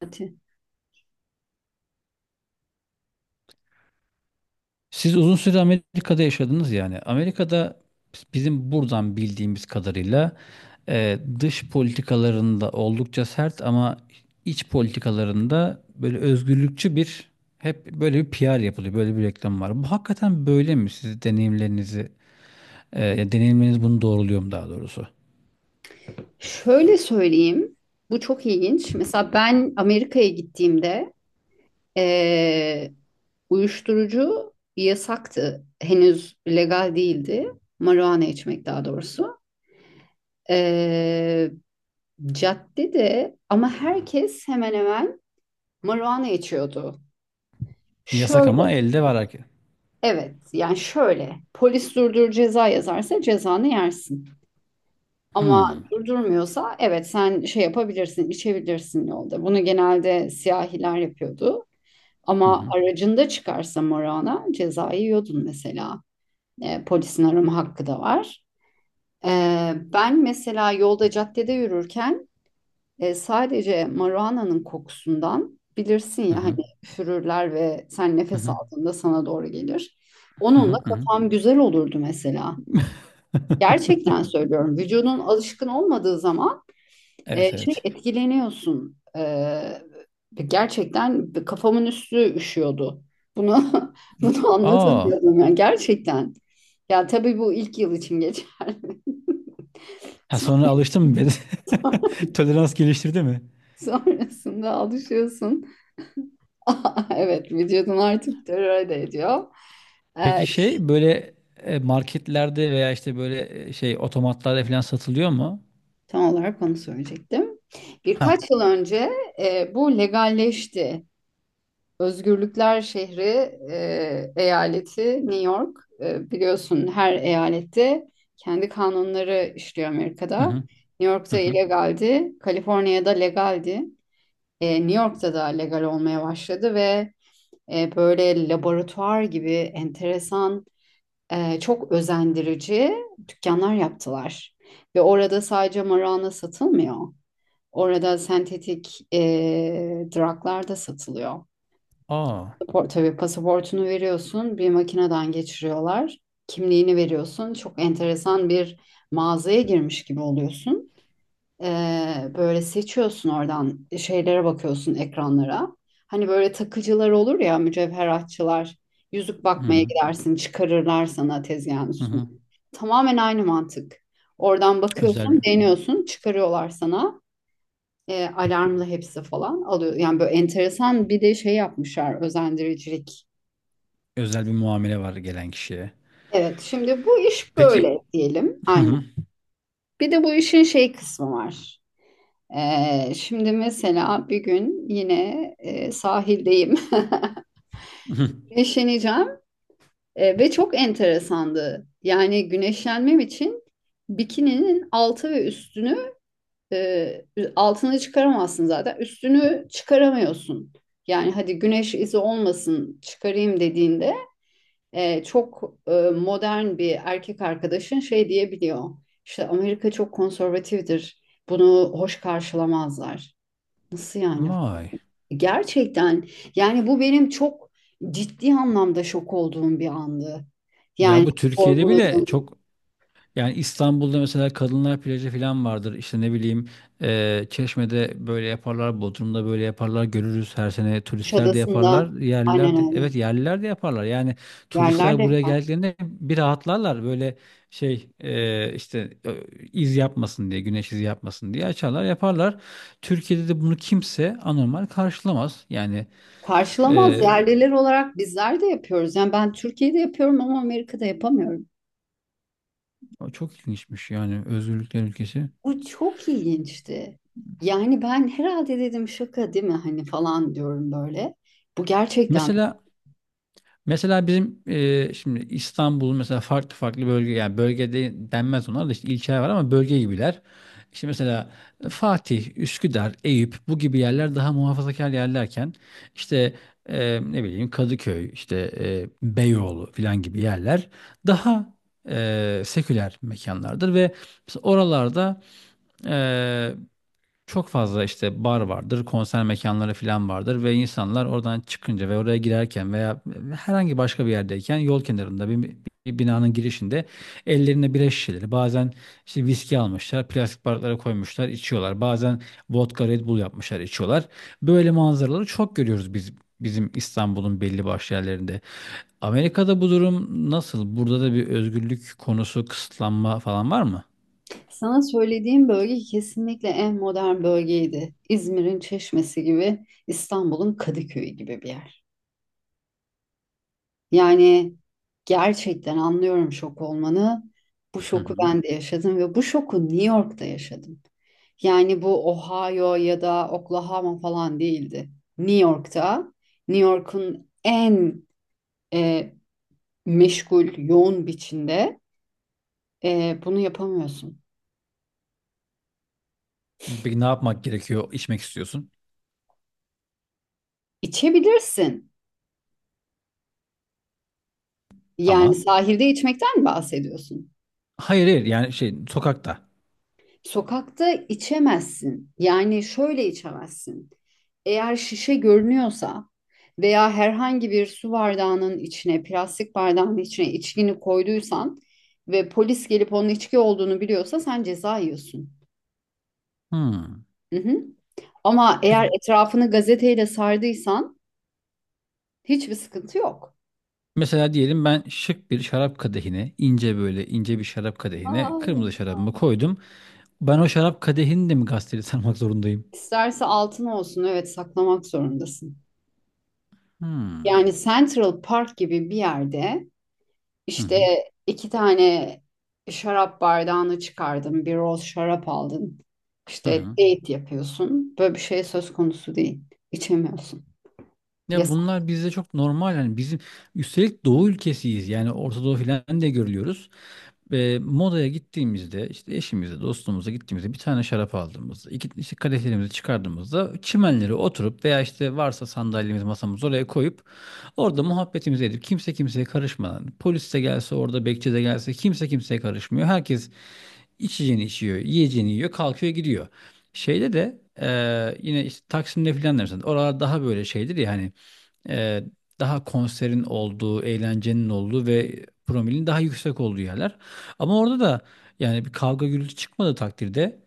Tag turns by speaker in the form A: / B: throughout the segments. A: Saati.
B: Siz uzun süre Amerika'da yaşadınız yani. Amerika'da bizim buradan bildiğimiz kadarıyla dış politikalarında oldukça sert ama iç politikalarında böyle özgürlükçü bir hep böyle bir PR yapılıyor. Böyle bir reklam var. Bu hakikaten böyle mi? Siz ya deneyimleriniz bunu doğruluyor mu daha doğrusu?
A: Şöyle söyleyeyim, bu çok ilginç. Mesela ben Amerika'ya gittiğimde eee, uyuşturucu yasaktı. Henüz legal değildi. Marijuana içmek daha doğrusu. Eee Caddede ama herkes hemen hemen marijuana içiyordu.
B: Yasak
A: Şöyle,
B: ama elde var herkes.
A: evet yani şöyle. Polis durdur ceza yazarsa cezanı yersin. Ama
B: Hmm.
A: durdurmuyorsa evet sen şey yapabilirsin, içebilirsin yolda. Bunu genelde siyahiler yapıyordu.
B: Hı
A: Ama
B: hı.
A: aracında çıkarsa morana cezayı yiyordun mesela. Polisin arama hakkı da var. E, Ben mesela yolda caddede yürürken sadece marijuana'nın kokusundan bilirsin
B: Hı
A: ya hani
B: hı.
A: üfürürler ve sen
B: Hı
A: nefes
B: hı.
A: aldığında sana doğru gelir.
B: Hı hı.
A: Onunla
B: Hı hı.
A: kafam güzel olurdu mesela. Gerçekten söylüyorum. Vücudun alışkın olmadığı zaman
B: Evet,
A: şey
B: evet.
A: etkileniyorsun. Gerçekten kafamın üstü üşüyordu. Bunu bunu
B: Aa.
A: anlatamıyordum yani gerçekten. Ya tabii bu ilk yıl için geçer.
B: Ha,
A: Son-
B: sonra alıştın mı biraz? Tolerans geliştirdi mi?
A: Sonrasında alışıyorsun. Evet, vücudun artık tolere ediyor. E,
B: Peki şey böyle marketlerde veya işte böyle şey otomatlarda falan satılıyor mu?
A: Tam olarak onu söyleyecektim.
B: Ha.
A: Birkaç yıl önce bu legalleşti. Özgürlükler şehri, eyaleti New York. Biliyorsun her eyalette kendi kanunları işliyor
B: Hı
A: Amerika'da.
B: hı.
A: New
B: Hı
A: York'ta
B: hı.
A: illegaldi, Kaliforniya'da legaldi. New York'ta da legal olmaya başladı ve böyle laboratuvar gibi enteresan, çok özendirici dükkanlar yaptılar. Ve orada sadece marijuana satılmıyor. Orada sentetik drug'lar da satılıyor.
B: Aa.
A: Pasaport, tabii pasaportunu veriyorsun, bir makineden geçiriyorlar. Kimliğini veriyorsun. Çok enteresan bir mağazaya girmiş gibi oluyorsun. Böyle seçiyorsun oradan şeylere bakıyorsun ekranlara. Hani böyle takıcılar olur ya mücevheratçılar. Yüzük
B: Hı
A: bakmaya
B: hı.
A: gidersin, çıkarırlar sana tezgahın
B: Hı
A: üstüne.
B: hı.
A: Tamamen aynı mantık. Oradan
B: Özel
A: bakıyorsun,
B: bir
A: beğeniyorsun, çıkarıyorlar sana. Alarmlı hepsi falan alıyor. Yani böyle enteresan bir de şey yapmışlar, özendiricilik.
B: özel bir muamele var gelen kişiye.
A: Evet, şimdi bu iş
B: Peki.
A: böyle diyelim.
B: Hı
A: Aynen.
B: hı.
A: Bir de bu işin şey kısmı var. Şimdi mesela bir gün yine sahildeyim.
B: Hı.
A: Güneşleneceğim ve çok enteresandı. Yani güneşlenmem için bikininin altı ve üstünü e, altını çıkaramazsın zaten. Üstünü çıkaramıyorsun. Yani hadi güneş izi olmasın çıkarayım dediğinde çok modern bir erkek arkadaşın şey diyebiliyor. İşte Amerika çok konservatiftir. Bunu hoş karşılamazlar. Nasıl yani?
B: Vay.
A: Gerçekten yani bu benim çok ciddi anlamda şok olduğum bir andı.
B: Ya
A: Yani
B: bu Türkiye'de bile
A: sorguladığım
B: çok. Yani İstanbul'da mesela kadınlar plajı falan vardır. İşte ne bileyim Çeşme'de böyle yaparlar, Bodrum'da böyle yaparlar. Görürüz, her sene turistler de
A: Kuşadası'nda
B: yaparlar,
A: aynen
B: yerliler de.
A: öyle.
B: Evet, yerliler de yaparlar. Yani turistler
A: Yerlerde
B: buraya geldiklerinde bir rahatlarlar. Böyle şey işte iz yapmasın diye, güneş izi yapmasın diye açarlar, yaparlar. Türkiye'de de bunu kimse anormal karşılamaz. Yani
A: karşılamaz
B: eee,
A: yerliler olarak bizler de yapıyoruz. Yani ben Türkiye'de yapıyorum ama Amerika'da yapamıyorum.
B: çok ilginçmiş yani, özgürlükler ülkesi.
A: O çok ilginçti. Yani ben herhalde dedim şaka değil mi hani falan diyorum böyle. Bu gerçekten
B: Mesela. Mesela bizim şimdi İstanbul'un mesela farklı farklı bölge, yani bölgede denmez, onlar da işte ilçeler var ama bölge gibiler. İşte mesela Fatih, Üsküdar, Eyüp bu gibi yerler daha muhafazakar yerlerken işte ne bileyim Kadıköy, işte Beyoğlu falan gibi yerler daha seküler mekanlardır ve mesela oralarda e, çok fazla işte bar vardır, konser mekanları falan vardır ve insanlar oradan çıkınca ve oraya girerken veya herhangi başka bir yerdeyken yol kenarında bir binanın girişinde ellerine bira şişeleri, bazen işte viski almışlar, plastik bardaklara koymuşlar, içiyorlar. Bazen vodka Red Bull yapmışlar, içiyorlar. Böyle manzaraları çok görüyoruz biz, bizim İstanbul'un belli başlı yerlerinde. Amerika'da bu durum nasıl? Burada da bir özgürlük konusu, kısıtlanma falan var mı?
A: sana söylediğim bölge kesinlikle en modern bölgeydi. İzmir'in Çeşmesi gibi, İstanbul'un Kadıköy'ü gibi bir yer. Yani gerçekten anlıyorum şok olmanı. Bu
B: Hı
A: şoku
B: hı.
A: ben de yaşadım ve bu şoku New York'ta yaşadım. Yani bu Ohio ya da Oklahoma falan değildi. New York'ta, New York'un en e, meşgul, yoğun biçimde bunu yapamıyorsun.
B: Peki ne yapmak gerekiyor? İçmek istiyorsun
A: İçebilirsin. Yani
B: ama.
A: sahilde içmekten bahsediyorsun.
B: Hayır, hayır, yani şey, sokakta.
A: Sokakta içemezsin. Yani şöyle içemezsin. Eğer şişe görünüyorsa veya herhangi bir su bardağının içine, plastik bardağının içine içkini koyduysan ve polis gelip onun içki olduğunu biliyorsa sen ceza yiyorsun.
B: Hmm.
A: Hı hı. Ama
B: Peki
A: eğer etrafını gazeteyle sardıysan hiçbir sıkıntı yok.
B: mesela diyelim ben şık bir şarap kadehine, ince böyle ince bir şarap kadehine
A: Hayır.
B: kırmızı şarabımı koydum. Ben o şarap kadehini de mi gazeteli sarmak zorundayım?
A: İsterse altın olsun, evet saklamak zorundasın.
B: Hmm.
A: Yani Central Park gibi bir yerde
B: Hı
A: işte
B: hı.
A: iki tane şarap bardağını çıkardın, bir roz şarap aldın.
B: Hı
A: İşte
B: hı.
A: date yapıyorsun. Böyle bir şey söz konusu değil. İçemiyorsun.
B: Ya
A: Yasak.
B: bunlar bizde çok normal yani, bizim üstelik doğu ülkesiyiz, yani Orta Doğu falan de görülüyoruz. Modaya gittiğimizde işte eşimize, dostumuza gittiğimizde bir tane şarap aldığımızda, iki işte kadehlerimizi çıkardığımızda çimenlere oturup veya işte varsa sandalyemiz, masamız, oraya koyup orada muhabbetimizi edip kimse kimseye karışmadan, polis de gelse, orada bekçi de gelse kimse kimseye karışmıyor. Herkes içeceğini içiyor, yiyeceğini yiyor, kalkıyor gidiyor. Şeyde de yine işte Taksim'de filan da mesela oralar daha böyle şeydir ya hani, e, daha konserin olduğu, eğlencenin olduğu ve promilin daha yüksek olduğu yerler. Ama orada da yani bir kavga gürültü çıkmadığı takdirde,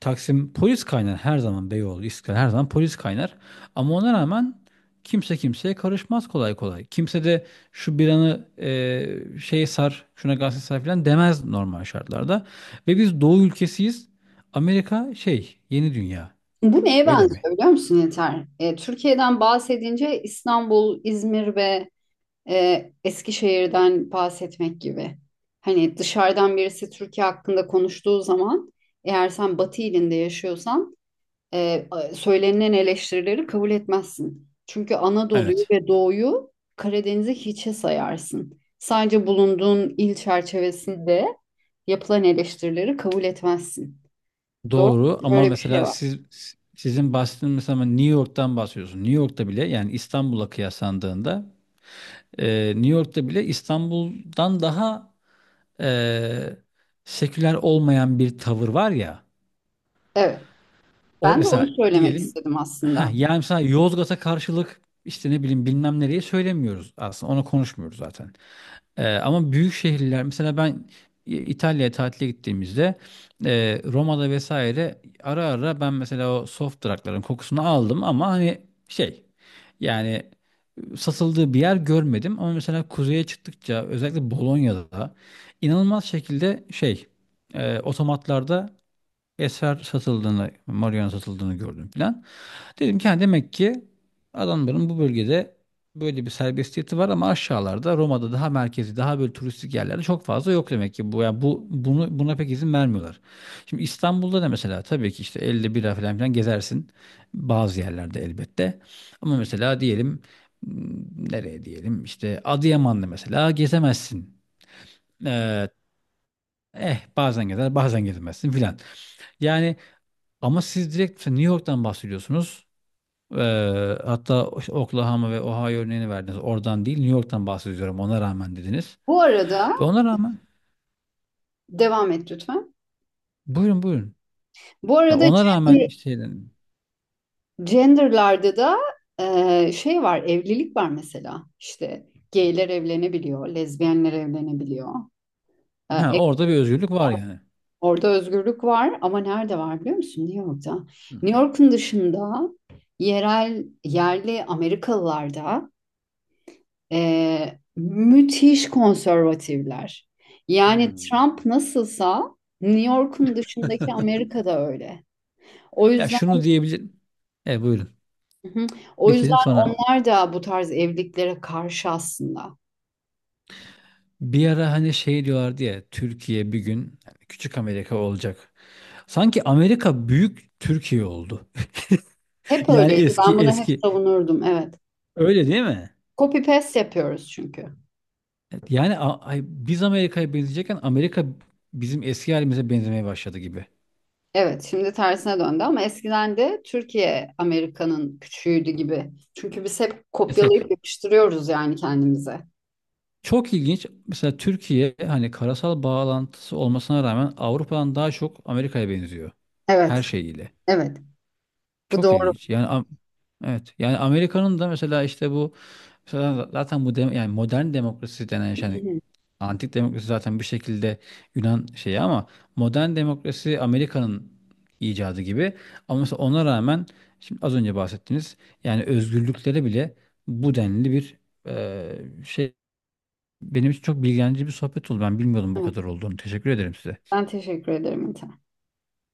B: Taksim polis kaynar her zaman, Beyoğlu, İstiklal her zaman polis kaynar. Ama ona rağmen kimse kimseye karışmaz kolay kolay. Kimse de şu bir anı şeye sar, şuna gazete sar falan demez normal şartlarda. Ve biz Doğu ülkesiyiz. Amerika şey, yeni dünya.
A: Bu neye
B: Öyle mi?
A: benziyor biliyor musun Yeter? Türkiye'den bahsedince İstanbul, İzmir ve Eskişehir'den bahsetmek gibi. Hani dışarıdan birisi Türkiye hakkında konuştuğu zaman eğer sen Batı ilinde yaşıyorsan e, söylenen eleştirileri kabul etmezsin. Çünkü Anadolu'yu
B: Evet.
A: ve Doğu'yu Karadeniz'i hiçe sayarsın. Sadece bulunduğun il çerçevesinde yapılan eleştirileri kabul etmezsin. Doğru
B: Doğru
A: mu?
B: ama
A: Böyle bir şey
B: mesela
A: var.
B: siz, sizin bahsettiğiniz, mesela New York'tan bahsediyorsun. New York'ta bile yani İstanbul'a kıyaslandığında New York'ta bile İstanbul'dan daha e, seküler olmayan bir tavır var ya.
A: Evet.
B: Or
A: Ben de onu
B: mesela
A: söylemek
B: diyelim
A: istedim aslında.
B: yani mesela Yozgat'a karşılık işte ne bileyim bilmem nereye söylemiyoruz, aslında onu konuşmuyoruz zaten. Ama büyük şehirler, mesela ben İtalya'ya tatile gittiğimizde Roma'da vesaire, ara ara ben mesela o soft drug'ların kokusunu aldım ama hani şey, yani satıldığı bir yer görmedim ama mesela kuzeye çıktıkça, özellikle Bolonya'da inanılmaz şekilde şey, otomatlarda eser satıldığını, marihuana satıldığını gördüm filan. Dedim ki ha, demek ki adamların bu bölgede böyle bir serbestiyeti var ama aşağılarda Roma'da, daha merkezi daha böyle turistik yerlerde çok fazla yok demek ki bu, yani bu bunu, buna pek izin vermiyorlar. Şimdi İstanbul'da da mesela tabii ki işte elde bira falan filan gezersin bazı yerlerde, elbette. Ama mesela diyelim m, nereye diyelim işte Adıyaman'da mesela gezemezsin. Ee, bazen gezer bazen gezemezsin filan. Yani ama siz direkt mesela New York'tan bahsediyorsunuz. Hatta Oklahoma ve Ohio örneğini verdiniz. Oradan değil, New York'tan bahsediyorum. Ona rağmen dediniz.
A: Bu arada
B: Ve ona rağmen
A: devam et lütfen.
B: buyurun, buyurun.
A: Bu
B: Ya
A: arada
B: ona rağmen
A: gender,
B: işte
A: genderlarda da şey var, evlilik var mesela. İşte gayler evlenebiliyor, lezbiyenler evlenebiliyor. E,
B: ha,
A: e,
B: orada bir özgürlük var yani.
A: Orada özgürlük var ama nerede var biliyor musun? New York'ta.
B: Hı.
A: New York'un dışında yerel, yerli Amerikalılarda müthiş konservatifler. Yani
B: Hmm.
A: Trump nasılsa New York'un dışındaki Amerika'da öyle. O
B: Ya
A: yüzden
B: şunu diyebilirim. E, buyurun.
A: Hı hı. O
B: Bitirin
A: yüzden
B: sonra.
A: onlar da bu tarz evliliklere karşı aslında.
B: Bir ara hani şey diyorlardı ya, Türkiye bir gün yani küçük Amerika olacak. Sanki Amerika büyük Türkiye oldu.
A: Hep
B: Yani
A: öyleydi.
B: eski
A: Ben bunu hep
B: eski.
A: savunurdum. Evet.
B: Öyle değil mi?
A: Copy paste yapıyoruz çünkü.
B: Evet. Yani biz Amerika'ya benzeyecekken Amerika bizim eski halimize benzemeye başladı gibi.
A: Evet, şimdi tersine döndü ama eskiden de Türkiye Amerika'nın küçüğüydü gibi. Çünkü biz hep
B: Mesela
A: kopyalayıp yapıştırıyoruz yani kendimize.
B: çok ilginç. Mesela Türkiye hani karasal bağlantısı olmasına rağmen Avrupa'dan daha çok Amerika'ya benziyor. Her
A: Evet,
B: şeyiyle.
A: evet. Bu
B: Çok
A: doğru.
B: ilginç. Yani evet. Yani Amerika'nın da mesela işte bu, mesela zaten yani modern demokrasi denen şey, yani antik demokrasi zaten bir şekilde Yunan şeyi ama modern demokrasi Amerika'nın icadı gibi. Ama mesela ona rağmen şimdi az önce bahsettiğiniz, yani özgürlükleri bile bu denli bir şey, benim için çok bilgilendirici bir sohbet oldu. Ben bilmiyordum bu kadar
A: Evet.
B: olduğunu. Teşekkür ederim size.
A: Ben teşekkür ederim Mete.